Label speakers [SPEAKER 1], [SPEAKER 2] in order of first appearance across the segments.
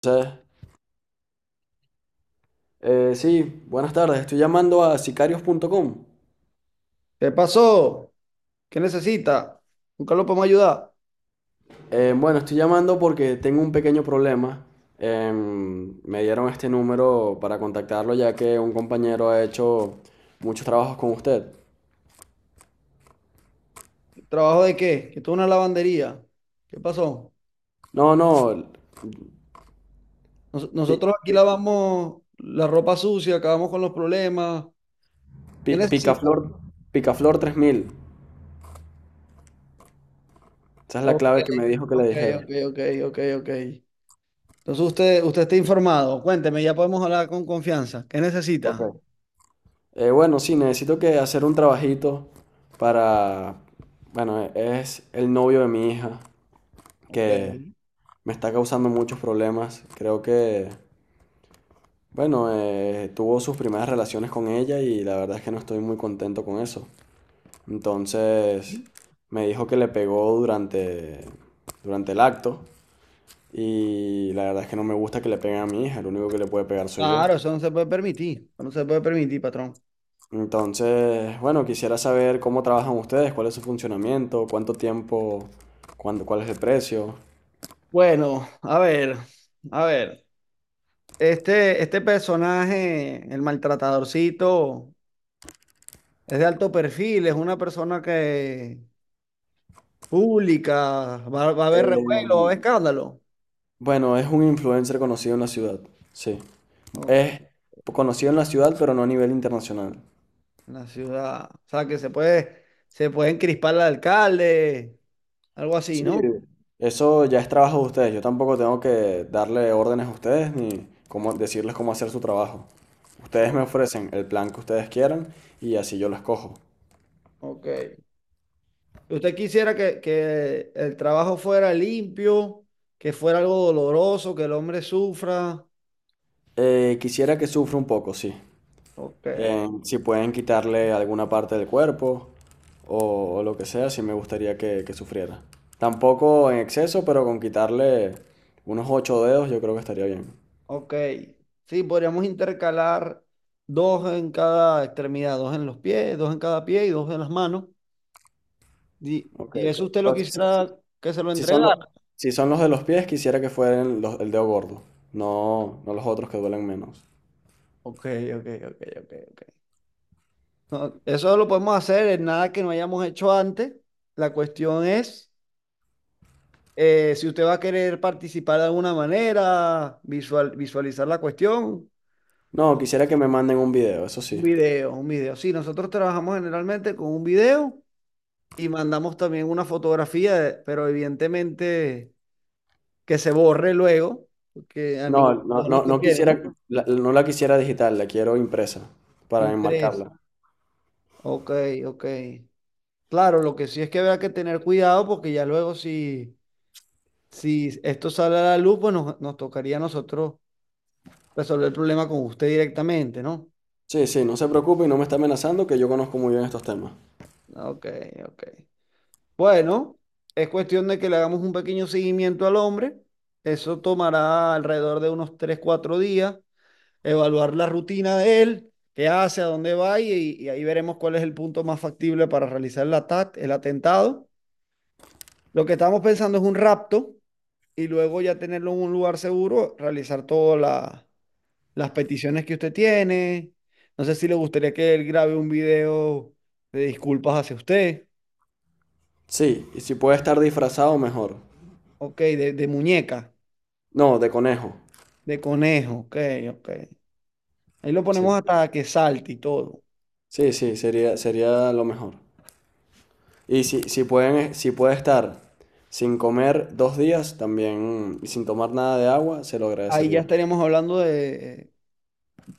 [SPEAKER 1] Entonces, sí, buenas tardes. Estoy llamando a sicarios.com.
[SPEAKER 2] ¿Qué pasó? ¿Qué necesita? Nunca lo podemos ayudar.
[SPEAKER 1] Bueno, estoy llamando porque tengo un pequeño problema. Me dieron este número para contactarlo ya que un compañero ha hecho muchos trabajos con usted.
[SPEAKER 2] ¿Trabajo de qué? Que esto es una lavandería. ¿Qué pasó?
[SPEAKER 1] No, no, pi-
[SPEAKER 2] Nosotros aquí
[SPEAKER 1] pi-
[SPEAKER 2] lavamos la ropa sucia, acabamos con los problemas. ¿Qué necesita?
[SPEAKER 1] Picaflor, Picaflor 3000. Esa es la
[SPEAKER 2] Ok,
[SPEAKER 1] clave que me dijo que le
[SPEAKER 2] ok,
[SPEAKER 1] dijera.
[SPEAKER 2] ok, ok, ok, ok. Entonces usted está informado. Cuénteme, ya podemos hablar con confianza. ¿Qué
[SPEAKER 1] Ok.
[SPEAKER 2] necesita?
[SPEAKER 1] Bueno, sí, necesito que hacer un trabajito para... Bueno, es el novio de mi hija
[SPEAKER 2] Ok.
[SPEAKER 1] que... me está causando muchos problemas. Creo que, bueno, tuvo sus primeras relaciones con ella y la verdad es que no estoy muy contento con eso. Entonces, me dijo que le pegó durante el acto y la verdad es que no me gusta que le peguen a mi hija, el único que le puede pegar soy yo.
[SPEAKER 2] Claro, eso no se puede permitir. Eso no se puede permitir, patrón.
[SPEAKER 1] Entonces, bueno, quisiera saber cómo trabajan ustedes, cuál es su funcionamiento, cuánto tiempo, cuándo, cuál es el precio.
[SPEAKER 2] Bueno, a ver, a ver. Este personaje, el maltratadorcito, es de alto perfil, es una persona que pública, va a haber revuelo, va a
[SPEAKER 1] Eh,
[SPEAKER 2] haber escándalo,
[SPEAKER 1] bueno, es un influencer conocido en la ciudad, sí.
[SPEAKER 2] ¿no?
[SPEAKER 1] Es conocido en la ciudad, pero no a nivel internacional.
[SPEAKER 2] En la ciudad. O sea, que se puede encrispar al alcalde, algo así,
[SPEAKER 1] Sí,
[SPEAKER 2] ¿no?
[SPEAKER 1] eso ya es trabajo de ustedes. Yo tampoco tengo que darle órdenes a ustedes ni cómo decirles cómo hacer su trabajo. Ustedes
[SPEAKER 2] O-
[SPEAKER 1] me ofrecen el plan que ustedes quieran y así yo lo escojo.
[SPEAKER 2] ok. ¿Usted quisiera que el trabajo fuera limpio, que fuera algo doloroso, que el hombre sufra?
[SPEAKER 1] Quisiera que sufra un poco, sí.
[SPEAKER 2] Ok.
[SPEAKER 1] Si pueden quitarle alguna parte del cuerpo o lo que sea, sí me gustaría que sufriera. Tampoco en exceso, pero con quitarle unos ocho dedos yo creo que estaría bien.
[SPEAKER 2] Ok, sí, podríamos intercalar dos en cada extremidad, dos en los pies, dos en cada pie y dos en las manos. Y,
[SPEAKER 1] Ok.
[SPEAKER 2] y eso usted lo
[SPEAKER 1] Pero sí,
[SPEAKER 2] quisiera que se lo
[SPEAKER 1] Si son los,
[SPEAKER 2] entregara.
[SPEAKER 1] si son los de los pies, quisiera que fueran los, el dedo gordo. No, no los otros que duelen menos.
[SPEAKER 2] Ok, ok, ok, ok, ok. No, eso lo podemos hacer en nada que no hayamos hecho antes. La cuestión es si usted va a querer participar de alguna manera, visual, visualizar la cuestión.
[SPEAKER 1] No, quisiera que me manden un video, eso
[SPEAKER 2] Un
[SPEAKER 1] sí.
[SPEAKER 2] video, un video. Sí, nosotros trabajamos generalmente con un video y mandamos también una fotografía, pero evidentemente... que se borre luego, porque a ninguno
[SPEAKER 1] No, no,
[SPEAKER 2] de nos
[SPEAKER 1] no, no
[SPEAKER 2] conviene,
[SPEAKER 1] quisiera,
[SPEAKER 2] ¿no?
[SPEAKER 1] no la quisiera digital, la quiero impresa para
[SPEAKER 2] Impreso.
[SPEAKER 1] enmarcarla.
[SPEAKER 2] Ok, ok. Claro, lo que sí es que habrá que tener cuidado porque ya luego si esto sale a la luz, pues nos tocaría a nosotros resolver el problema con usted directamente, ¿no?
[SPEAKER 1] Sí, sí, no se preocupe y no me está amenazando que yo conozco muy bien estos temas.
[SPEAKER 2] Ok, ok. Bueno, es cuestión de que le hagamos un pequeño seguimiento al hombre. Eso tomará alrededor de unos 3 4 días. Evaluar la rutina de él, qué hace, a dónde va y ahí veremos cuál es el punto más factible para realizar el ataque, el atentado. Lo que estamos pensando es un rapto y luego ya tenerlo en un lugar seguro, realizar todas las peticiones que usted tiene. No sé si le gustaría que él grabe un video de disculpas hacia usted,
[SPEAKER 1] Sí, y si puede estar disfrazado, mejor.
[SPEAKER 2] ok, de muñeca,
[SPEAKER 1] No, de conejo.
[SPEAKER 2] de conejo, ok, ok. Ahí lo
[SPEAKER 1] Sí,
[SPEAKER 2] ponemos hasta que salte y todo.
[SPEAKER 1] sí, sí, sería lo mejor. Y si pueden, si puede estar sin comer dos días también y sin tomar nada de agua, se lo
[SPEAKER 2] Ahí ya
[SPEAKER 1] agradecería.
[SPEAKER 2] estaríamos hablando de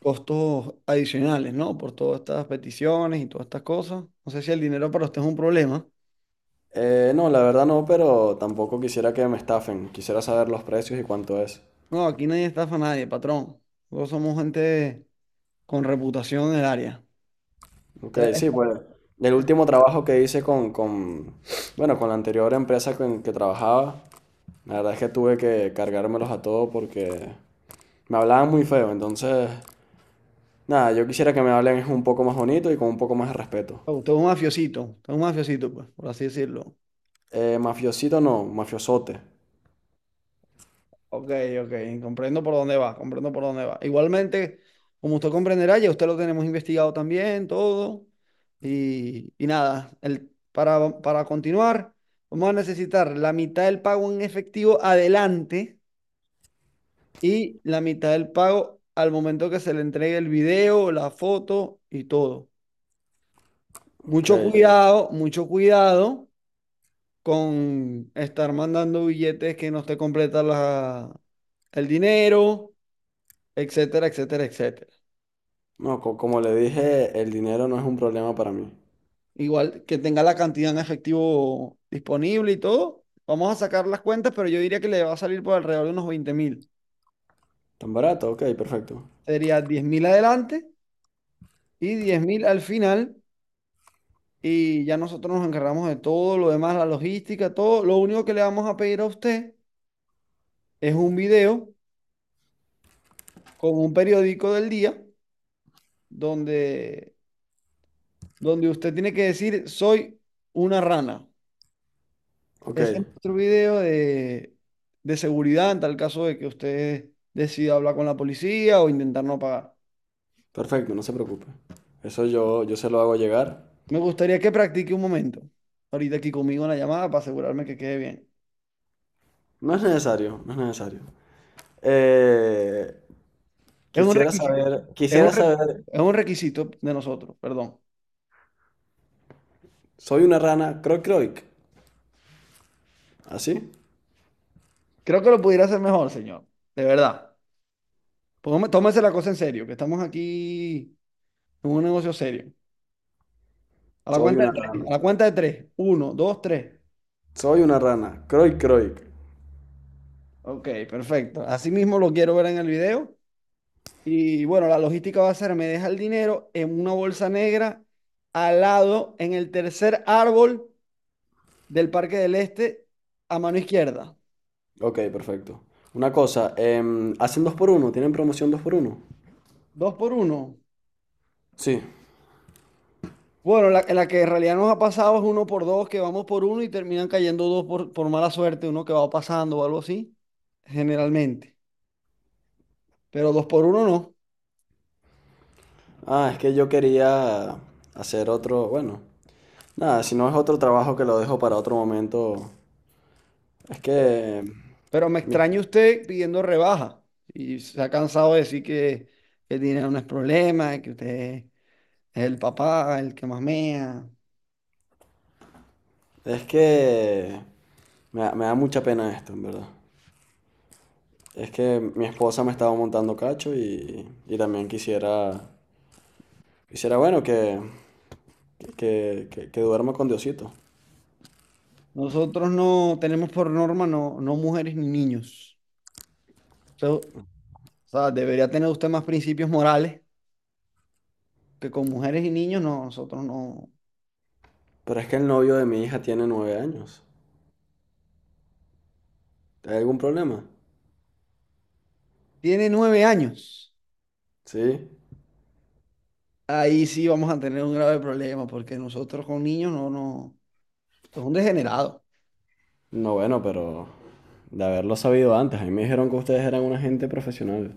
[SPEAKER 2] costos adicionales, ¿no? Por todas estas peticiones y todas estas cosas. No sé si el dinero para usted es un problema.
[SPEAKER 1] No, la verdad no, pero tampoco quisiera que me estafen. Quisiera saber los precios y cuánto es.
[SPEAKER 2] No, aquí nadie estafa a nadie, patrón. Nosotros somos gente con reputación en el área.
[SPEAKER 1] Ok,
[SPEAKER 2] Usted es
[SPEAKER 1] sí, pues el último trabajo que hice bueno, con la anterior empresa con que trabajaba, la verdad es que tuve que cargármelos a todos porque me hablaban muy feo. Entonces, nada, yo quisiera que me hablen un poco más bonito y con un poco más de respeto.
[SPEAKER 2] usted es un mafiosito, usted es un mafiosito, pues, por así decirlo.
[SPEAKER 1] Mafiosito no, mafiosote.
[SPEAKER 2] Ok, ok, comprendo por dónde va, comprendo por dónde va. Igualmente, como usted comprenderá, ya usted lo tenemos investigado también, todo. Y nada, para continuar, vamos a necesitar la mitad del pago en efectivo adelante y la mitad del pago al momento que se le entregue el video, la foto y todo.
[SPEAKER 1] Ok.
[SPEAKER 2] Mucho cuidado con estar mandando billetes que no te completa el dinero, etcétera, etcétera, etcétera.
[SPEAKER 1] No, como le dije, el dinero no es un problema para mí.
[SPEAKER 2] Igual que tenga la cantidad en efectivo disponible y todo. Vamos a sacar las cuentas, pero yo diría que le va a salir por alrededor de unos 20.000.
[SPEAKER 1] ¿Tan barato? Ok, perfecto.
[SPEAKER 2] Sería 10.000 adelante y 10.000 al final y ya nosotros nos encargamos de todo lo demás, la logística, todo. Lo único que le vamos a pedir a usted es un video con un periódico del día donde, donde usted tiene que decir, soy una rana.
[SPEAKER 1] Ok,
[SPEAKER 2] Ese es nuestro video de seguridad en tal caso de que usted decida hablar con la policía o intentar no pagar.
[SPEAKER 1] perfecto, no se preocupe. Eso yo se lo hago llegar.
[SPEAKER 2] Me gustaría que practique un momento, ahorita aquí conmigo en la llamada para asegurarme que quede bien.
[SPEAKER 1] No es necesario, no es necesario. Eh,
[SPEAKER 2] Es un requisito, es un,
[SPEAKER 1] quisiera
[SPEAKER 2] re-
[SPEAKER 1] saber,
[SPEAKER 2] es un requisito de nosotros, perdón.
[SPEAKER 1] soy una rana, croy croic. ¿Así?
[SPEAKER 2] Creo que lo pudiera hacer mejor, señor. De verdad. Tómese la cosa en serio, que estamos aquí en un negocio serio. A la
[SPEAKER 1] Soy
[SPEAKER 2] cuenta de
[SPEAKER 1] una
[SPEAKER 2] tres. A
[SPEAKER 1] rana,
[SPEAKER 2] la cuenta de tres. Uno, dos, tres.
[SPEAKER 1] soy una rana, croy croic.
[SPEAKER 2] Ok, perfecto. Así mismo lo quiero ver en el video. Y bueno, la logística va a ser, me deja el dinero en una bolsa negra al lado, en el tercer árbol del Parque del Este, a mano izquierda.
[SPEAKER 1] Ok, perfecto. Una cosa, ¿hacen dos por uno? ¿Tienen promoción dos por uno?
[SPEAKER 2] Dos por uno.
[SPEAKER 1] Sí.
[SPEAKER 2] Bueno, la que en realidad nos ha pasado es uno por dos, que vamos por uno y terminan cayendo dos por mala suerte, uno que va pasando o algo así, generalmente. Pero dos por uno no.
[SPEAKER 1] Ah, es que yo quería hacer otro, bueno. Nada, si no es otro trabajo que lo dejo para otro momento. Es que.
[SPEAKER 2] Pero me
[SPEAKER 1] mi-
[SPEAKER 2] extraña usted pidiendo rebaja y se ha cansado de decir que el dinero no es problema, que usted es el papá, el que mamea.
[SPEAKER 1] Es que. Me da mucha pena esto, en verdad. Es que mi esposa me estaba montando cacho y también quisiera. Quisiera, bueno, que duerma con Diosito.
[SPEAKER 2] Nosotros no tenemos por norma no, no mujeres ni niños. O sea, o sea, debería tener usted más principios morales que con mujeres y niños, no, nosotros no.
[SPEAKER 1] Pero es que el novio de mi hija tiene nueve años. ¿Hay algún problema?
[SPEAKER 2] Tiene 9 años.
[SPEAKER 1] Sí.
[SPEAKER 2] Ahí sí vamos a tener un grave problema porque nosotros con niños no, no, esto es un degenerado.
[SPEAKER 1] No, bueno, pero. De haberlo sabido antes. A mí me dijeron que ustedes eran una gente profesional.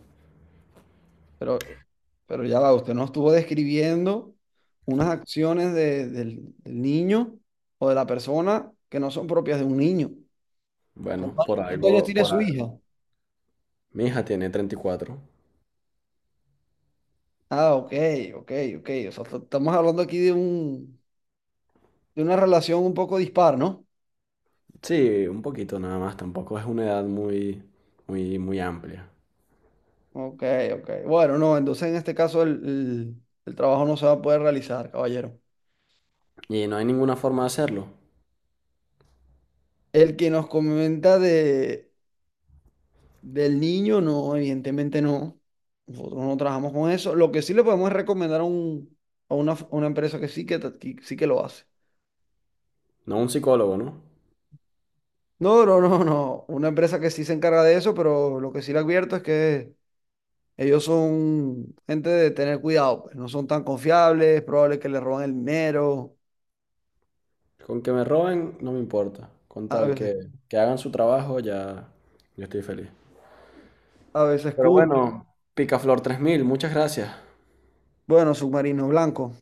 [SPEAKER 2] Pero, pero ya va, usted nos estuvo describiendo unas acciones del niño o de la persona que no son propias de un niño.
[SPEAKER 1] Bueno,
[SPEAKER 2] Cuántos años tiene
[SPEAKER 1] por
[SPEAKER 2] su
[SPEAKER 1] algo.
[SPEAKER 2] hija?
[SPEAKER 1] Mi hija tiene 34.
[SPEAKER 2] Ah, ok, ok, ok. O sea, estamos hablando aquí de una relación un poco dispar, ¿no?
[SPEAKER 1] Sí, un poquito nada más, tampoco es una edad muy amplia.
[SPEAKER 2] Ok, ok. Bueno, no, entonces en este caso el trabajo no se va a poder realizar, caballero.
[SPEAKER 1] Y no hay ninguna forma de hacerlo.
[SPEAKER 2] El que nos comenta de Del niño, no, evidentemente no. Nosotros no trabajamos con eso. Lo que sí le podemos es recomendar a una empresa que sí que, que sí que lo hace.
[SPEAKER 1] No un psicólogo, ¿no?
[SPEAKER 2] No, no, no, no. Una empresa que sí se encarga de eso, pero lo que sí le advierto es que ellos son gente de tener cuidado, pues. No son tan confiables, es probable que le roban el dinero,
[SPEAKER 1] Con que me roben, no me importa. Con
[SPEAKER 2] a
[SPEAKER 1] tal
[SPEAKER 2] veces,
[SPEAKER 1] que hagan su trabajo, ya, yo estoy feliz.
[SPEAKER 2] a veces
[SPEAKER 1] Pero
[SPEAKER 2] cumplen.
[SPEAKER 1] bueno, Picaflor 3000. Muchas gracias.
[SPEAKER 2] Bueno, submarino blanco.